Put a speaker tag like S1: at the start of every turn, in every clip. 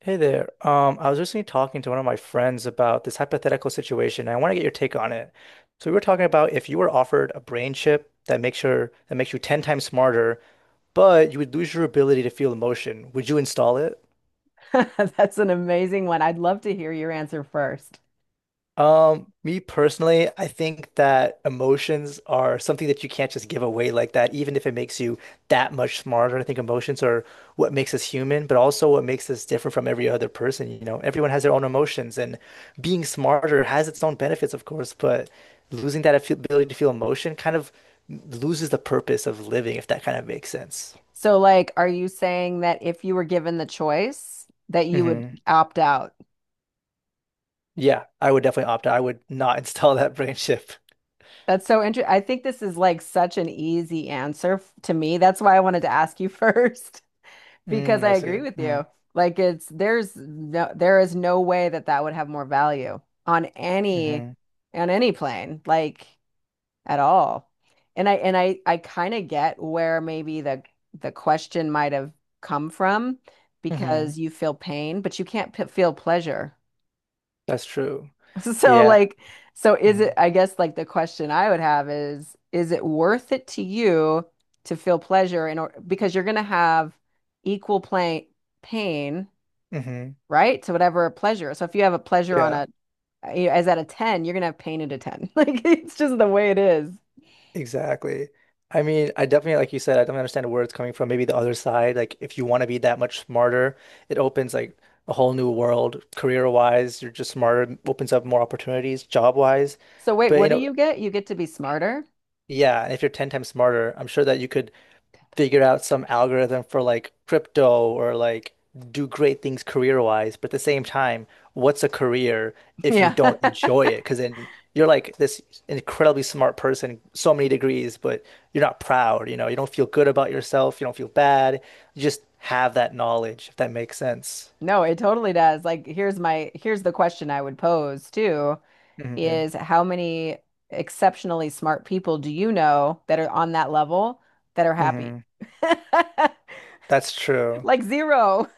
S1: Hey there. I was recently talking to one of my friends about this hypothetical situation, and I want to get your take on it. So we were talking about if you were offered a brain chip that makes your that makes you 10 times smarter, but you would lose your ability to feel emotion, would you install it?
S2: That's an amazing one. I'd love to hear your answer first.
S1: Me personally, I think that emotions are something that you can't just give away like that, even if it makes you that much smarter. I think emotions are what makes us human, but also what makes us different from every other person. You know, everyone has their own emotions, and being smarter has its own benefits, of course, but losing that ability to feel emotion kind of loses the purpose of living, if that kind of makes sense.
S2: So, like, are you saying that if you were given the choice, that you would
S1: Hmm.
S2: opt out?
S1: Yeah, I would definitely opt out. I would not install that brain chip.
S2: That's so interesting. I think this is like such an easy answer to me. That's why I wanted to ask you first, because
S1: Mm,
S2: I
S1: I see.
S2: agree with
S1: Mm-hmm.
S2: you. Like, it's there's no, there is no way that that would have more value on any
S1: Hmm.
S2: plane. Like, at all. And I kind of get where maybe the question might have come from because
S1: Hmm.
S2: you feel pain, but you can't p feel pleasure.
S1: That's true.
S2: So
S1: Yeah.
S2: like so is it I guess like the question I would have is it worth it to you to feel pleasure in order because you're going to have equal play pain,
S1: Mm-hmm.
S2: right? To whatever pleasure. So if you have a pleasure on
S1: Yeah,
S2: a you know, as at a 10, you're gonna have pain at a 10. Like it's just the way it is.
S1: exactly. I mean, I definitely, like you said, I don't understand where it's coming from. Maybe the other side, like if you want to be that much smarter, it opens like a whole new world career-wise. You're just smarter, opens up more opportunities job-wise.
S2: So wait,
S1: But
S2: what
S1: you
S2: do
S1: know,
S2: you get? You get to be smarter?
S1: yeah, and if you're 10 times smarter, I'm sure that you could figure out some algorithm for like crypto or like do great things career-wise. But at the same time, what's a career if you
S2: Yeah.
S1: don't enjoy it? Because then you're like this incredibly smart person, so many degrees, but you're not proud, you know, you don't feel good about yourself, you don't feel bad. You just have that knowledge, if that makes sense.
S2: No, it totally does. Like here's the question I would pose too
S1: Hmm.
S2: is how many exceptionally smart people do you know that are on that level that are happy?
S1: Hmm. That's true.
S2: Like zero.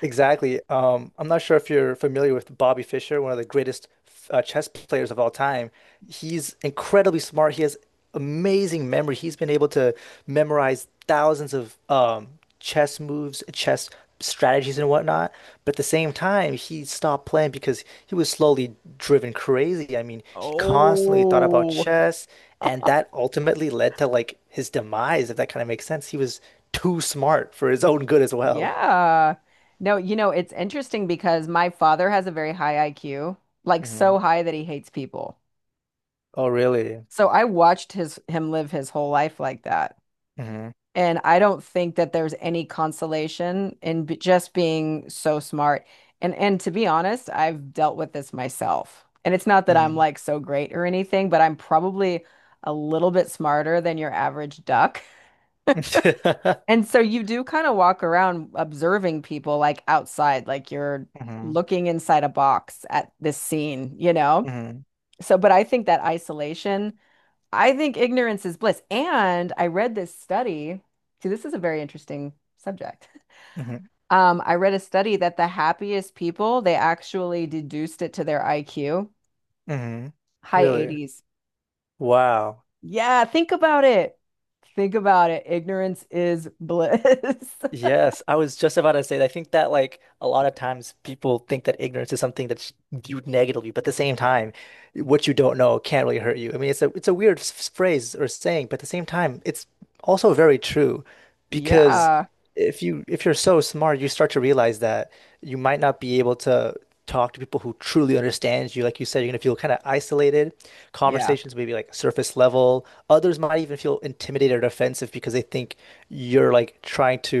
S1: Exactly. I'm not sure if you're familiar with Bobby Fischer, one of the greatest chess players of all time. He's incredibly smart. He has amazing memory. He's been able to memorize thousands of chess moves, chess strategies, and whatnot. But at the same time, he stopped playing because he was slowly driven crazy. I mean, he constantly thought about
S2: Oh,
S1: chess, and that ultimately led to like his demise, if that kind of makes sense. He was too smart for his own good as well.
S2: yeah. No, it's interesting because my father has a very high IQ, like so high that he hates people.
S1: Oh, really?
S2: So I watched his him live his whole life like that.
S1: Hmm.
S2: And I don't think that there's any consolation in b just being so smart. And to be honest, I've dealt with this myself. And it's not that I'm
S1: Hmm.
S2: like so great or anything, but I'm probably a little bit smarter than your average duck. And so you do kind of walk around observing people like outside, like you're
S1: Hmm.
S2: looking inside a box at this scene, you know?
S1: Hmm.
S2: So, but I think that isolation, I think ignorance is bliss. And I read this study. See, this is a very interesting subject.
S1: Hmm.
S2: I read a study that the happiest people, they actually deduced it to their IQ,
S1: Hmm.
S2: high
S1: Really?
S2: 80s.
S1: Wow.
S2: Yeah, think about it. Think about it. Ignorance is bliss.
S1: Yes, I was just about to say that. I think that like a lot of times people think that ignorance is something that's viewed negatively, but at the same time, what you don't know can't really hurt you. I mean, it's a weird phrase or saying, but at the same time, it's also very true because
S2: Yeah.
S1: if you're so smart, you start to realize that you might not be able to talk to people who truly understands you. Like you said, you're gonna feel kind of isolated.
S2: Yeah.
S1: Conversations may be like surface level. Others might even feel intimidated or offensive because they think you're like trying to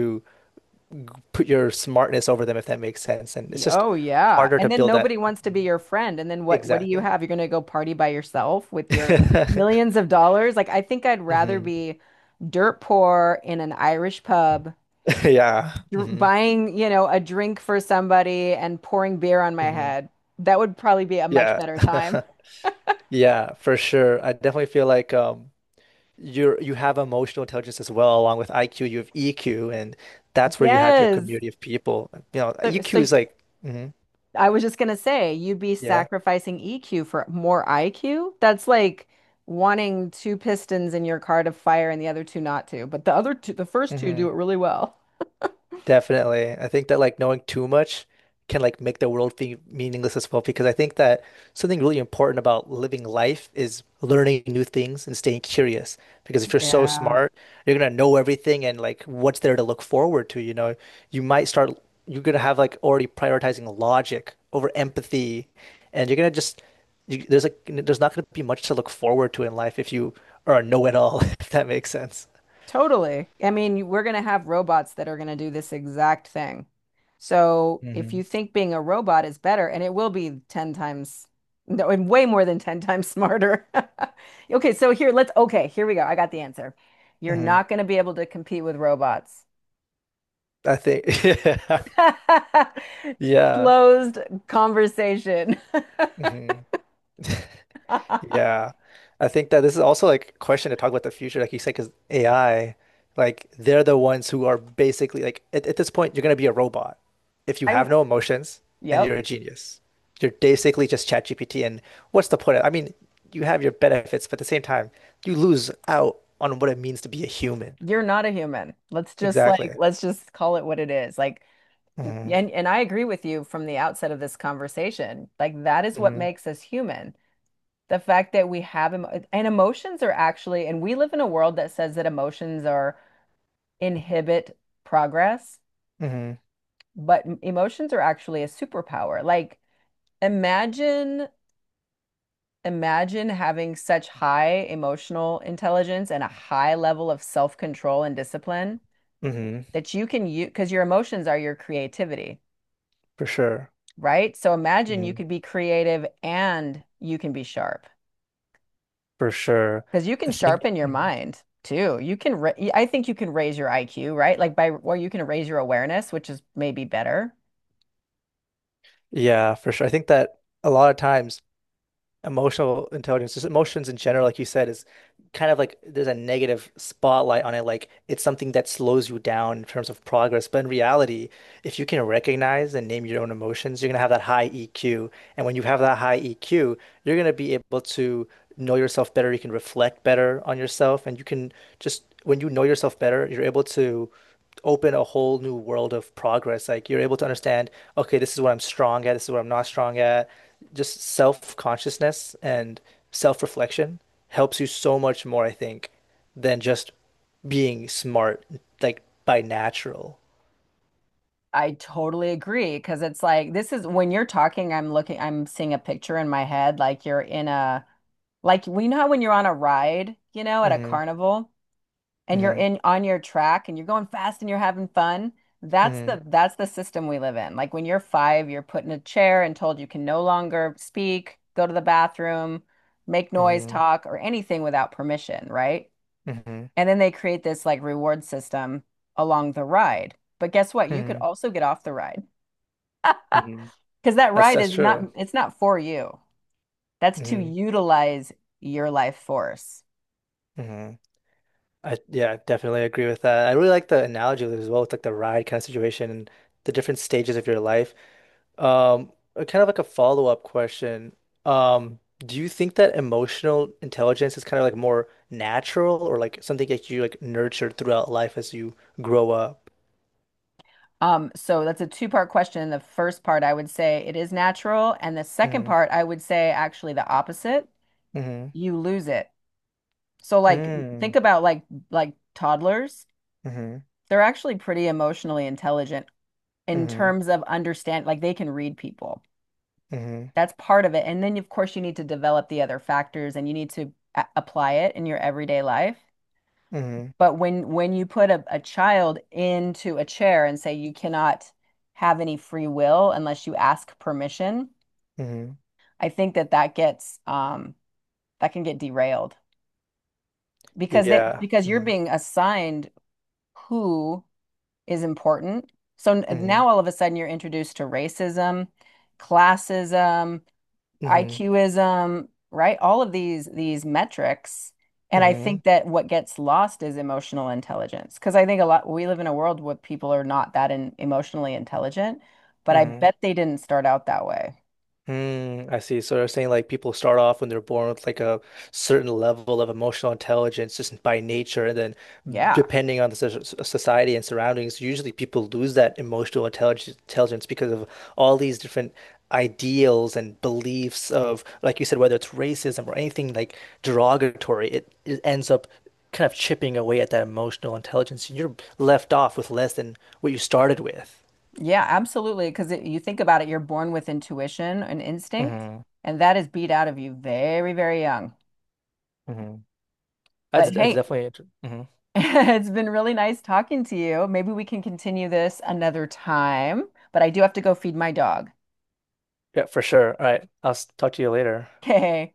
S1: put your smartness over them, if that makes sense. And it's just
S2: Oh yeah.
S1: harder to
S2: And then
S1: build
S2: nobody
S1: that.
S2: wants to be your friend. And then what do you
S1: Exactly.
S2: have? You're gonna go party by yourself with your millions of dollars? Like I think I'd rather
S1: Hmm.
S2: be dirt poor in an Irish pub,
S1: Yeah. Hmm.
S2: buying, a drink for somebody and pouring beer on my
S1: Hmm.
S2: head. That would probably be a much
S1: Yeah.
S2: better time.
S1: Yeah, for sure. I definitely feel like you have emotional intelligence as well, along with IQ, you have EQ, and that's where you have your
S2: Yes.
S1: community of people. You know, EQ
S2: So
S1: is like, mhm,
S2: I was just gonna say, you'd be
S1: yeah.
S2: sacrificing EQ for more IQ. That's like wanting two pistons in your car to fire and the other two not to. But the other two, the first two do
S1: Mhm.
S2: it really well.
S1: Definitely. I think that like knowing too much can like make the world feel meaningless as well because I think that something really important about living life is learning new things and staying curious. Because if you're so
S2: Yeah.
S1: smart, you're gonna know everything and like what's there to look forward to, you know. You might start you're gonna have like already prioritizing logic over empathy and you're gonna just there's like there's not gonna be much to look forward to in life if you are a know-it-all, if that makes sense.
S2: Totally. I mean, we're gonna have robots that are gonna do this exact thing. So if you
S1: Hmm.
S2: think being a robot is better, and it will be 10 times, no, and way more than 10 times smarter. Okay, here we go. I got the answer. You're
S1: Hmm.
S2: not gonna be able to compete with robots.
S1: I think yeah. Yeah.
S2: Closed conversation.
S1: Hmm.
S2: I'm,
S1: Yeah. I think that this is also like a question to talk about the future, like you said, because AI, like they're the ones who are basically like at this point, you're gonna be a robot if you have no emotions and you're
S2: yep,
S1: a genius. You're basically just ChatGPT, and what's the point of, I mean, you have your benefits, but at the same time, you lose out on what it means to be a human.
S2: you're not a human. Let's just like,
S1: Exactly.
S2: let's just call it what it is. Like,
S1: Hmm.
S2: and I agree with you from the outset of this conversation. Like, that is what
S1: Hmm.
S2: makes us human. The fact that we have, emotions are actually, and we live in a world that says that emotions are inhibit progress,
S1: Hmm.
S2: but emotions are actually a superpower. Like, imagine Imagine having such high emotional intelligence and a high level of self-control and discipline
S1: Hmm.
S2: that you can use because your emotions are your creativity,
S1: For sure.
S2: right? So imagine you
S1: Hmm.
S2: could be creative and you can be sharp
S1: For sure.
S2: because you can
S1: I think.
S2: sharpen your
S1: Mm-hmm.
S2: mind too. I think you can raise your IQ, right? Like or you can raise your awareness, which is maybe better.
S1: Yeah, for sure. I think that a lot of times emotional intelligence, just emotions in general, like you said, is kind of like there's a negative spotlight on it. Like it's something that slows you down in terms of progress. But in reality, if you can recognize and name your own emotions, you're gonna have that high EQ. And when you have that high EQ, you're gonna be able to know yourself better. You can reflect better on yourself, and you can just when you know yourself better, you're able to open a whole new world of progress. Like you're able to understand, okay, this is what I'm strong at, this is what I'm not strong at. Just self-consciousness and self-reflection helps you so much more, I think, than just being smart, like by natural.
S2: I totally agree because it's like this is when you're talking, I'm looking, I'm seeing a picture in my head, like you're. In a Like, we know how when you're on a ride, at a
S1: Hmm.
S2: carnival and you're
S1: Hmm.
S2: in on your track and you're going fast and you're having fun.
S1: Hmm.
S2: That's the system we live in. Like when you're five, you're put in a chair and told you can no longer speak, go to the bathroom, make noise,
S1: Hmm.
S2: talk, or anything without permission, right?
S1: Hmm.
S2: And then they create this like reward system along the ride. But guess what? You could
S1: Hmm.
S2: also get off the ride.
S1: Hmm.
S2: Because that ride
S1: That's
S2: is not,
S1: true.
S2: it's not for you. That's to
S1: Hmm.
S2: utilize your life force.
S1: Hmm. I yeah, I definitely agree with that. I really like the analogy as well with like the ride kind of situation and the different stages of your life. Kind of like a follow-up question. Do you think that emotional intelligence is kind of like more natural or like something that you like nurture throughout life as you grow up?
S2: So that's a two-part question. The first part, I would say it is natural, and the second
S1: Mm,
S2: part, I would say actually the opposite.
S1: mm-hmm,
S2: You lose it. So like
S1: mm,
S2: think about like toddlers.
S1: mm-hmm,
S2: They're actually pretty emotionally intelligent in
S1: mm-hmm,
S2: terms of understand like they can read people.
S1: mm-hmm,
S2: That's part of it. And then of course you need to develop the other factors and you need to apply it in your everyday life.
S1: mm-hmm,
S2: But when you put a child into a chair and say you cannot have any free will unless you ask permission.
S1: mm-hmm.
S2: I think that that gets that can get derailed because they
S1: Yeah.
S2: because you're
S1: Mm-hmm,
S2: being assigned who is important. So now all of a sudden you're introduced to racism, classism,
S1: mm-hmm,
S2: IQism, right? All of these metrics. And I
S1: mm-hmm,
S2: think that what gets lost is emotional intelligence because I think a lot we live in a world where people are not that emotionally intelligent, but I
S1: mm-hmm.
S2: bet they didn't start out that way.
S1: Hmm. I see. So they're saying like people start off when they're born with like a certain level of emotional intelligence just by nature, and then
S2: Yeah.
S1: depending on the society and surroundings, usually people lose that emotional intelligence because of all these different ideals and beliefs of, like you said, whether it's racism or anything like derogatory, it ends up kind of chipping away at that emotional intelligence, and you're left off with less than what you started with.
S2: Yeah, absolutely. Because you think about it, you're born with intuition and instinct,
S1: Hmm.
S2: and that is beat out of you very, very young.
S1: Hmm.
S2: But
S1: That's
S2: hey,
S1: definitely interesting.
S2: it's been really nice talking to you. Maybe we can continue this another time, but I do have to go feed my dog.
S1: Yeah, for sure. All right. I'll talk to you later.
S2: Okay.